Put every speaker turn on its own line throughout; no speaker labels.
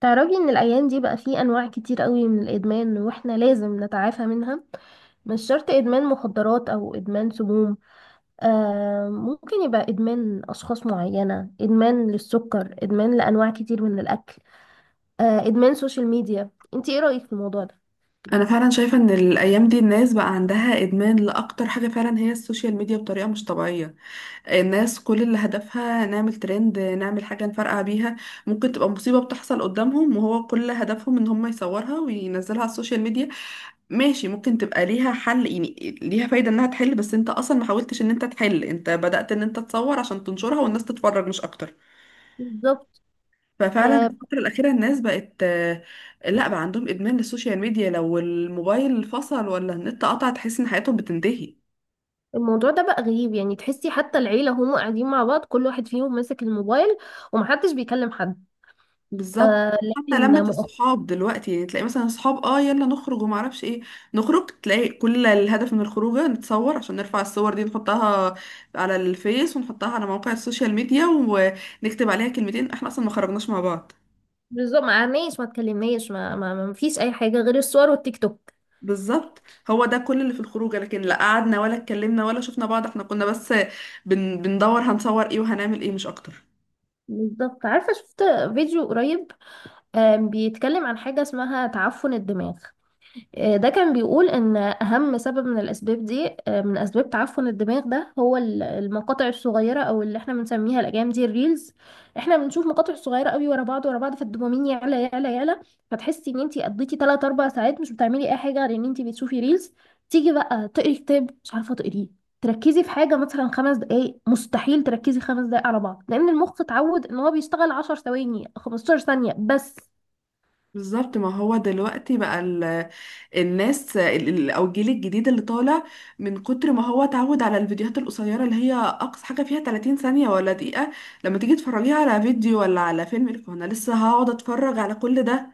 تعرفي ان الايام دي بقى فيه انواع كتير قوي من الادمان واحنا لازم نتعافى منها؟ مش شرط ادمان مخدرات او ادمان سموم. آه، ممكن يبقى ادمان اشخاص معينة، ادمان للسكر، ادمان لانواع كتير من الاكل. آه، ادمان سوشيال ميديا. انتي ايه رايك في الموضوع ده؟
انا فعلا شايفه ان الايام دي الناس بقى عندها ادمان لاكتر حاجه فعلا هي السوشيال ميديا بطريقه مش طبيعيه. الناس كل اللي هدفها نعمل ترند، نعمل حاجه نفرقع بيها. ممكن تبقى مصيبه بتحصل قدامهم وهو كل هدفهم ان هم يصورها وينزلها على السوشيال ميديا. ماشي، ممكن تبقى ليها حل، يعني ليها فايده انها تحل، بس انت اصلا ما حاولتش ان انت تحل، انت بدأت ان انت تصور عشان تنشرها والناس تتفرج مش اكتر.
بالظبط.
ففعلا
آه،
الفترة الأخيرة الناس بقت. لا، بقى عندهم إدمان للسوشيال ميديا، لو الموبايل فصل ولا النت قطع تحس إن حياتهم بتنتهي.
الموضوع ده بقى غريب، يعني تحسي حتى العيلة هم قاعدين مع بعض، كل واحد فيهم ماسك الموبايل ومحدش بيكلم حد.
بالظبط.
آه،
حتى
لكن
لمة
مؤخرا.
الصحاب دلوقتي، يعني تلاقي مثلا صحاب اه يلا نخرج وما اعرفش ايه، نخرج تلاقي كل الهدف من الخروجه نتصور عشان نرفع الصور دي نحطها على الفيس ونحطها على مواقع السوشيال ميديا ونكتب عليها كلمتين، احنا اصلا ما خرجناش مع بعض.
بالظبط، ما قعدناش، ما اتكلمناش، ما فيش اي حاجه غير الصور والتيك توك.
بالظبط، هو ده كل اللي في الخروجه، لكن لا قعدنا ولا اتكلمنا ولا شفنا بعض، احنا كنا بس بندور هنصور ايه وهنعمل ايه مش اكتر.
بالظبط. عارفه؟ شفت فيديو قريب بيتكلم عن حاجه اسمها تعفن الدماغ. ده كان بيقول ان اهم سبب من الاسباب دي، من اسباب تعفن الدماغ ده، هو المقاطع الصغيره او اللي احنا بنسميها الايام دي الريلز. احنا بنشوف مقاطع صغيره قوي ورا بعض ورا بعض، فالدوبامين يعلى يعلى يعلى. فتحسي ان انتي قضيتي 3 4 ساعات مش بتعملي اي حاجه غير ان انتي بتشوفي ريلز. تيجي بقى تقري كتاب مش عارفه تقريه. تركزي في حاجه مثلا 5 دقائق، مستحيل تركزي 5 دقائق على بعض لان المخ اتعود ان هو بيشتغل 10 ثواني 15 ثانيه بس.
بالظبط، ما هو دلوقتي بقى الناس او الجيل الجديد اللي طالع، من كتر ما هو اتعود على الفيديوهات القصيره اللي هي اقصى حاجه فيها 30 ثانيه ولا دقيقه. لما تيجي تفرجيها على فيديو ولا على فيلم يقولك هو انا لسه هقعد اتفرج على كل ده.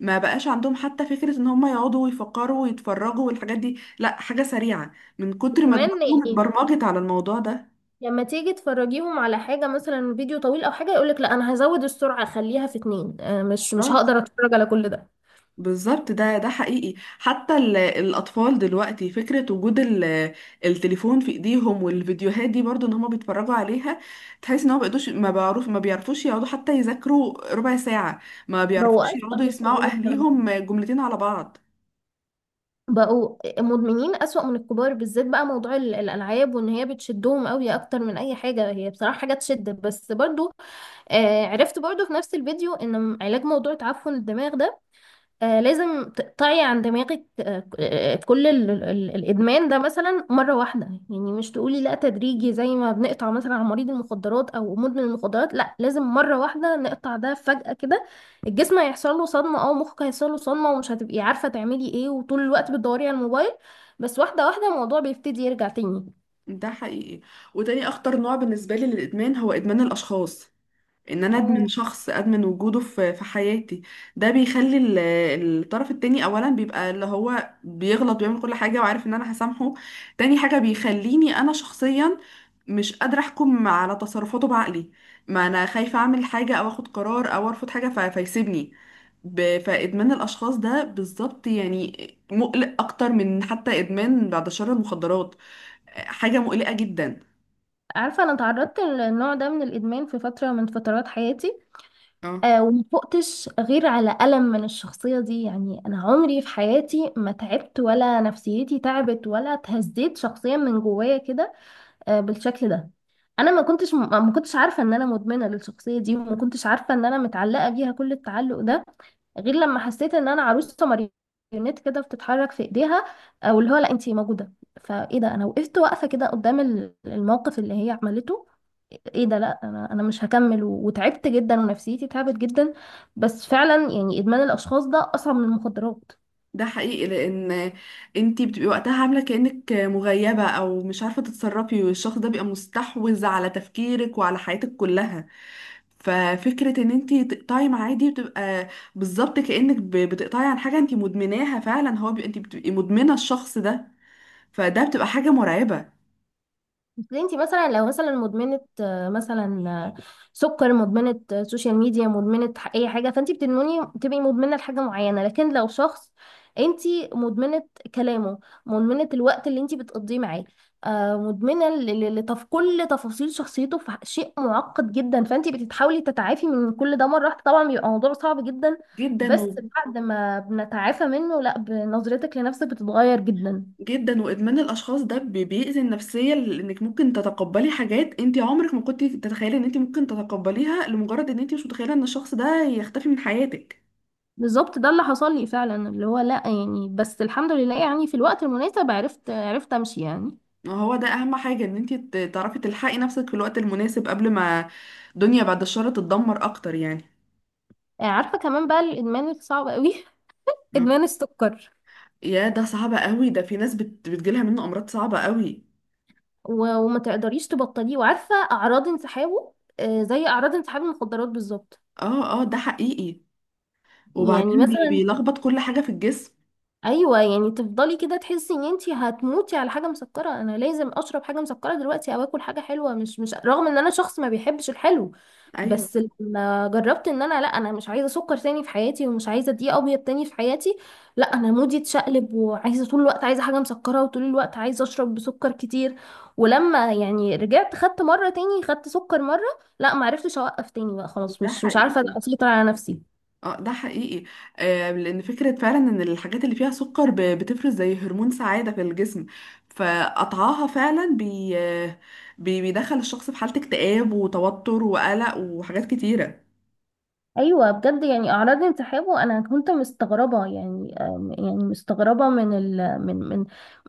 ما بقاش عندهم حتى فكرة ان هم يقعدوا ويفكروا ويتفرجوا والحاجات دي، لا حاجة سريعة من كتر ما
وكمان
دماغهم
يعني
اتبرمجت على الموضوع ده.
لما تيجي تفرجيهم على حاجة مثلا فيديو طويل أو حاجة يقولك لا، أنا هزود السرعة أخليها في اتنين، مش
بالظبط،
هقدر أتفرج على كل ده.
بالظبط، ده حقيقي. حتى الاطفال دلوقتي فكرة وجود التليفون في ايديهم والفيديوهات دي برضو ان هم بيتفرجوا عليها، تحس ان هم بيقدوش ما بعرف ما بيعرفوش يقعدوا حتى يذاكروا ربع ساعة، ما
بقوا
بيعرفوش
أسوأ
يقعدوا
من
يسمعوا
الكبار كمان.
اهليهم جملتين على بعض.
بقوا مدمنين أسوأ من الكبار، بالذات بقى موضوع الألعاب، وإن هي بتشدهم قوي أكتر من أي حاجة. هي بصراحة حاجة تشد بس برضو. عرفت برضو في نفس الفيديو إن علاج موضوع تعفن الدماغ ده، لازم تقطعي عن دماغك، كل الإدمان ده مثلا مرة واحدة. يعني مش تقولي لا تدريجي زي ما بنقطع مثلا عن مريض المخدرات أو مدمن المخدرات، لا لازم مرة واحدة نقطع ده فجأة كده. الجسم هيحصل له صدمة أو مخك هيحصل له صدمة، ومش هتبقي عارفة تعملي إيه، وطول الوقت بتدوري على الموبايل. بس واحدة واحدة الموضوع بيبتدي يرجع تاني.
ده حقيقي، وتاني اخطر نوع بالنسبة لي للادمان هو ادمان الاشخاص. ان انا ادمن
اه،
شخص، ادمن وجوده في حياتي. ده بيخلي الطرف التاني اولا بيبقى اللي هو بيغلط بيعمل كل حاجة وعارف ان انا هسامحه. تاني حاجة بيخليني انا شخصيا مش قادرة احكم على تصرفاته بعقلي. ما انا خايفة اعمل حاجة او اخد قرار او ارفض حاجة فيسيبني. فادمان الاشخاص ده بالظبط، يعني مقلق اكتر من حتى ادمان بعد شر المخدرات. حاجة مقلقة جدا.
عارفة أنا تعرضت للنوع ده من الإدمان في فترة من فترات حياتي.
اه،
آه، ومفقتش غير على ألم من الشخصية دي. يعني أنا عمري في حياتي ما تعبت ولا نفسيتي تعبت ولا اتهزيت شخصيا من جوايا كده، بالشكل ده. أنا ما كنتش عارفة إن أنا مدمنة للشخصية دي، وما كنتش عارفة إن أنا متعلقة بيها كل التعلق ده، غير لما حسيت ان انا عروسه ماريونيت كده بتتحرك في ايديها، او اللي هو لا، انتي موجوده. فايه ده؟ انا وقفت واقفه كده قدام الموقف اللي هي عملته. ايه ده؟ لا، انا مش هكمل وتعبت جدا ونفسيتي تعبت جدا. بس فعلا يعني ادمان الاشخاص ده اصعب من المخدرات.
ده حقيقي، لان انتي بتبقي وقتها عامله كانك مغيبه او مش عارفه تتصرفي والشخص ده بيبقى مستحوذ على تفكيرك وعلى حياتك كلها. ففكره ان انتي تقطعي معاه دي بتبقى بالظبط كانك بتقطعي عن حاجه انتي مدمناها فعلا، انتي بتبقي مدمنه الشخص ده. فده بتبقى حاجه مرعبه
اصل انت مثلا لو مثلا مدمنه، مثلا، سكر، مدمنه، سوشيال ميديا، مدمنه، اي حاجه، فانت بتدمني تبقي مدمنه لحاجه معينه. لكن لو شخص، انت مدمنه كلامه، مدمنه الوقت اللي انت بتقضيه معاه، مدمنه لتف كل تفاصيل شخصيته، في شيء معقد جدا. فانت بتتحاولي تتعافي من كل ده مره واحده، طبعا بيبقى موضوع صعب جدا.
جدا
بس بعد ما بنتعافى منه، لا، بنظرتك لنفسك بتتغير جدا.
جدا، وادمان الاشخاص ده بيأذي النفسيه لانك ممكن تتقبلي حاجات انت عمرك ما كنت تتخيلي ان انت ممكن تتقبليها لمجرد ان انت مش متخيله ان الشخص ده يختفي من حياتك.
بالظبط ده اللي حصل لي فعلا، اللي هو لا، يعني بس الحمد لله، يعني في الوقت المناسب عرفت امشي يعني.
هو ده اهم حاجة ان انتي تعرفي تلحقي نفسك في الوقت المناسب قبل ما الدنيا بعد الشر تتدمر اكتر يعني.
عارفه كمان بقى الادمان الصعب قوي
مم.
ادمان السكر.
يا، ده صعب قوي، ده في ناس بتجيلها منه امراض صعبة قوي.
وما تقدريش تبطليه، وعارفه اعراض انسحابه، زي اعراض انسحاب المخدرات بالظبط.
اه اه، ده حقيقي،
يعني
وبعدين
مثلا،
بيلخبط كل حاجة في الجسم.
ايوه يعني تفضلي كده تحسي ان انتي هتموتي على حاجه مسكره، انا لازم اشرب حاجه مسكره دلوقتي او اكل حاجه حلوه، مش رغم ان انا شخص ما بيحبش الحلو.
ايوه،
بس لما جربت ان انا لا، انا مش عايزه سكر تاني في حياتي، ومش عايزه دقيق ابيض تاني في حياتي، لا، انا مودي اتشقلب وعايزه طول الوقت، عايزه حاجه مسكره وطول الوقت عايزه اشرب بسكر كتير. ولما يعني رجعت خدت مره تاني، خدت سكر مره، لا، ما عرفتش اوقف تاني بقى خلاص،
ده
مش عارفه
حقيقي.
اسيطر على نفسي.
اه، ده حقيقي. لان فكرة فعلا ان الحاجات اللي فيها سكر بتفرز زي هرمون سعادة في الجسم، فقطعها فعلا بيدخل الشخص في حالة اكتئاب وتوتر وقلق وحاجات كتيرة.
ايوه بجد، يعني اعراض انسحاب، وانا كنت مستغربه يعني، يعني مستغربه من ال من من،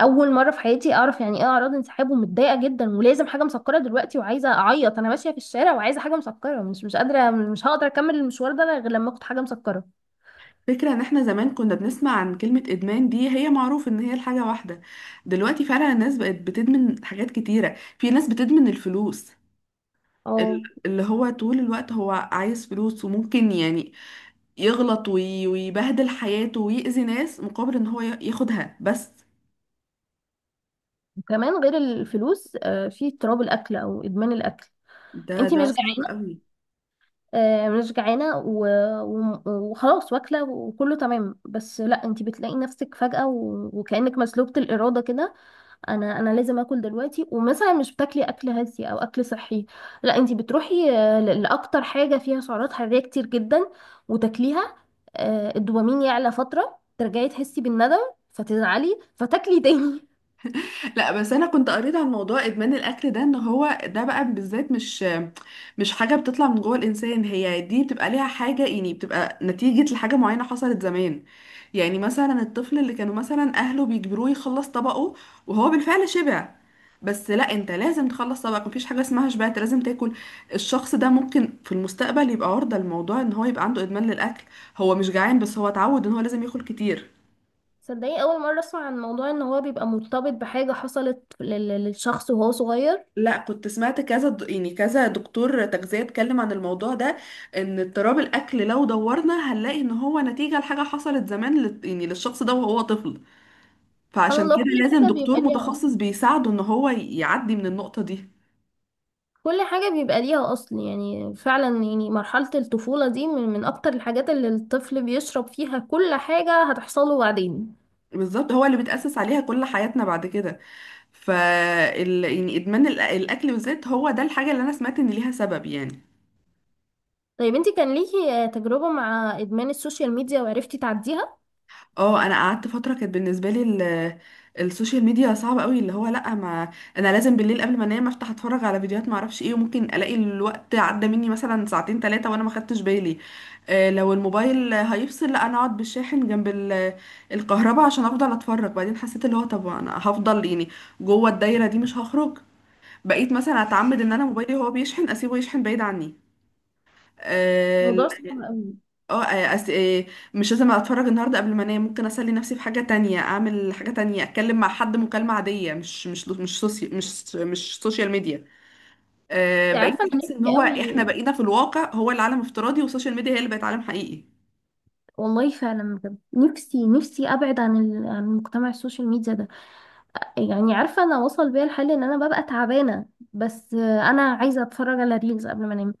اول مره في حياتي اعرف يعني ايه اعراض انسحاب، ومتضايقه جدا ولازم حاجه مسكره دلوقتي، وعايزه اعيط، انا ماشيه في الشارع وعايزه حاجه مسكره، مش قادره، مش هقدر اكمل المشوار ده غير لما اخد حاجه مسكره.
فكرة ان احنا زمان كنا بنسمع عن كلمة ادمان دي، هي معروف ان هي الحاجة واحدة. دلوقتي فعلا الناس بقت بتدمن حاجات كتيرة، في ناس بتدمن الفلوس.
اه،
اللي هو طول الوقت هو عايز فلوس وممكن يعني يغلط ويبهدل حياته ويأذي ناس مقابل ان هو ياخدها بس.
وكمان غير الفلوس، في اضطراب الاكل او ادمان الاكل.
ده
انت
ده
مش
صعب
جعانه،
قوي.
مش جعانة وخلاص واكلة وكله تمام، بس لا، انتي بتلاقي نفسك فجأة وكأنك مسلوبة الإرادة كده. انا لازم اكل دلوقتي، ومثلا مش بتاكلي اكل هزي او اكل صحي، لا، انتي بتروحي لأكتر حاجة فيها سعرات حرارية كتير جدا وتاكليها. الدوبامين يعلى فترة ترجعي تحسي بالندم، فتزعلي فتاكلي تاني
لا بس انا كنت قريت عن موضوع ادمان الاكل ده، ان هو ده بقى بالذات مش حاجه بتطلع من جوه الانسان، هي دي بتبقى ليها حاجه، يعني بتبقى نتيجه لحاجه معينه حصلت زمان. يعني مثلا الطفل اللي كانوا مثلا اهله بيجبروه يخلص طبقه وهو بالفعل شبع، بس لا انت لازم تخلص طبقك، مفيش حاجه اسمها شبعت، لازم تاكل. الشخص ده ممكن في المستقبل يبقى عرضه لموضوع ان هو يبقى عنده ادمان للاكل، هو مش جعان بس هو اتعود ان هو لازم ياكل كتير.
صدقني اول مرة اسمع عن موضوع ان هو بيبقى مرتبط بحاجة حصلت للشخص وهو صغير.
لا، كنت سمعت يعني كذا دكتور تغذية اتكلم عن الموضوع ده، ان اضطراب الاكل لو دورنا هنلاقي ان هو نتيجة لحاجة حصلت زمان يعني للشخص ده وهو طفل.
سبحان
فعشان
الله،
كده
كل
لازم
حاجة
دكتور
بيبقى ليها،
متخصص بيساعده ان هو يعدي من النقطة دي.
كل حاجة بيبقى ليها أصل. يعني فعلا، يعني مرحلة الطفولة دي من أكتر الحاجات اللي الطفل بيشرب فيها كل حاجة هتحصله بعدين.
بالظبط، هو اللي بيتأسس عليها كل حياتنا بعد كده. يعني ادمان الاكل بالذات هو ده الحاجة اللي انا سمعت ان ليها سبب يعني.
طيب انتي كان ليكي، تجربة مع إدمان السوشيال ميديا وعرفتي تعديها؟
اه، انا قعدت فتره كانت بالنسبه لي السوشيال ميديا صعبه قوي، اللي هو لا، ما انا لازم بالليل قبل ما انام افتح اتفرج على فيديوهات ما اعرفش ايه وممكن الاقي الوقت عدى مني مثلا ساعتين ثلاثه وانا ما خدتش بالي. لو الموبايل هيفصل لا انا اقعد بالشاحن جنب الكهرباء عشان افضل اتفرج. بعدين حسيت اللي هو طب انا هفضل يعني جوه الدايره دي مش هخرج، بقيت مثلا اتعمد ان انا موبايلي هو بيشحن اسيبه يشحن بعيد عني آه،
موضوع صعب أوي.
اه آه، أس... آه، مش لازم اتفرج النهارده قبل ما انام، ممكن اسلي نفسي في حاجه تانية، اعمل حاجه تانية، اتكلم مع حد مكالمه عاديه، مش مش مش سوسي... مش مش سوشيال ميديا.
انتي عارفة
بقيت
أنا
احس ان
نفسي
هو
أوي،
احنا بقينا في الواقع هو العالم افتراضي، والسوشيال ميديا هي اللي بقت عالم حقيقي.
والله فعلا بجد نفسي نفسي أبعد عن عن مجتمع السوشيال ميديا ده. يعني عارفة، أنا وصل بيا الحال إن أنا ببقى تعبانة بس، أنا عايزة أتفرج على ريلز قبل ما أنام.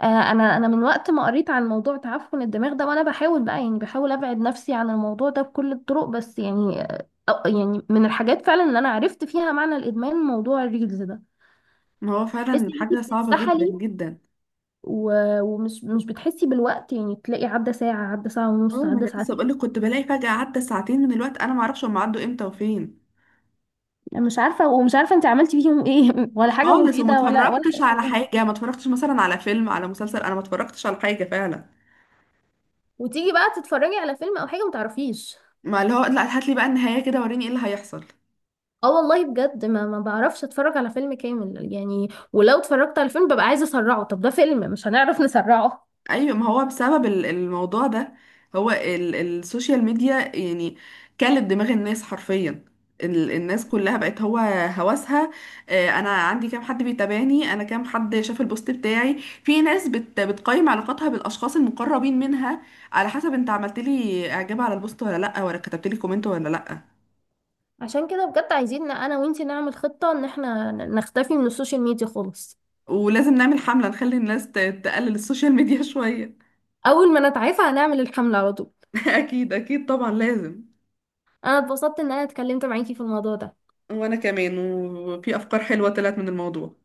انا من وقت ما قريت عن موضوع تعفن الدماغ ده، وانا بحاول بقى يعني بحاول ابعد نفسي عن الموضوع ده بكل الطرق، بس يعني، يعني من الحاجات فعلا اللي انا عرفت فيها معنى الادمان موضوع الريلز ده.
ما هو فعلا
تحسي ان
حاجه
انت
صعبه جدا
بتتسحلي،
جدا.
ومش مش بتحسي بالوقت، يعني تلاقي عدى ساعة، عدى ساعة
اه،
ونص،
ما
عدى
انا لسه
ساعتين.
بقول لك كنت بلاقي فجاه عدى ساعتين من الوقت انا ما اعرفش هم عدوا امتى وفين.
مش عارفة، ومش عارفة انت عملتي فيهم ايه ولا حاجة
خالص، وما
مفيدة ولا
اتفرجتش
أي
على
حاجة.
حاجه، ما اتفرجتش مثلا على فيلم على مسلسل، انا ما اتفرجتش على حاجه فعلا.
وتيجي بقى تتفرجي على فيلم او حاجة متعرفيش.
ما اللي هو لا، هات لي بقى النهايه كده وريني ايه اللي هيحصل.
اه والله بجد، ما بعرفش اتفرج على فيلم كامل يعني. ولو اتفرجت على فيلم ببقى عايزه اسرعه، طب ده فيلم مش هنعرف نسرعه.
ايوه، ما هو بسبب الموضوع ده، هو السوشيال ميديا يعني كلت دماغ الناس حرفيا. الناس كلها بقت هو هوسها. انا عندي كام حد بيتابعني، انا كام حد شاف البوست بتاعي، في ناس بتقيم علاقاتها بالاشخاص المقربين منها على حسب انت عملت لي اعجاب على البوست ولا لا، ولا كتبت لي كومنت ولا لا.
عشان كده بجد عايزين إن انا وانتي نعمل خطه ان احنا نختفي من السوشيال ميديا خالص.
ولازم نعمل حملة نخلي الناس تقلل السوشيال ميديا شوية.
اول ما نتعافى هنعمل الحمله على طول.
اكيد، اكيد، طبعا لازم.
انا اتبسطت ان انا اتكلمت معاكي في الموضوع ده.
وانا كمان، وفي افكار حلوة طلعت من الموضوع.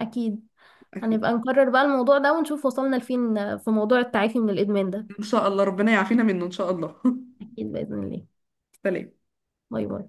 اكيد،
اكيد.
هنبقى نكرر بقى الموضوع ده ونشوف وصلنا لفين في موضوع التعافي من الادمان ده.
ان شاء الله ربنا يعافينا منه ان شاء الله.
اكيد باذن الله.
سلام.
باي باي.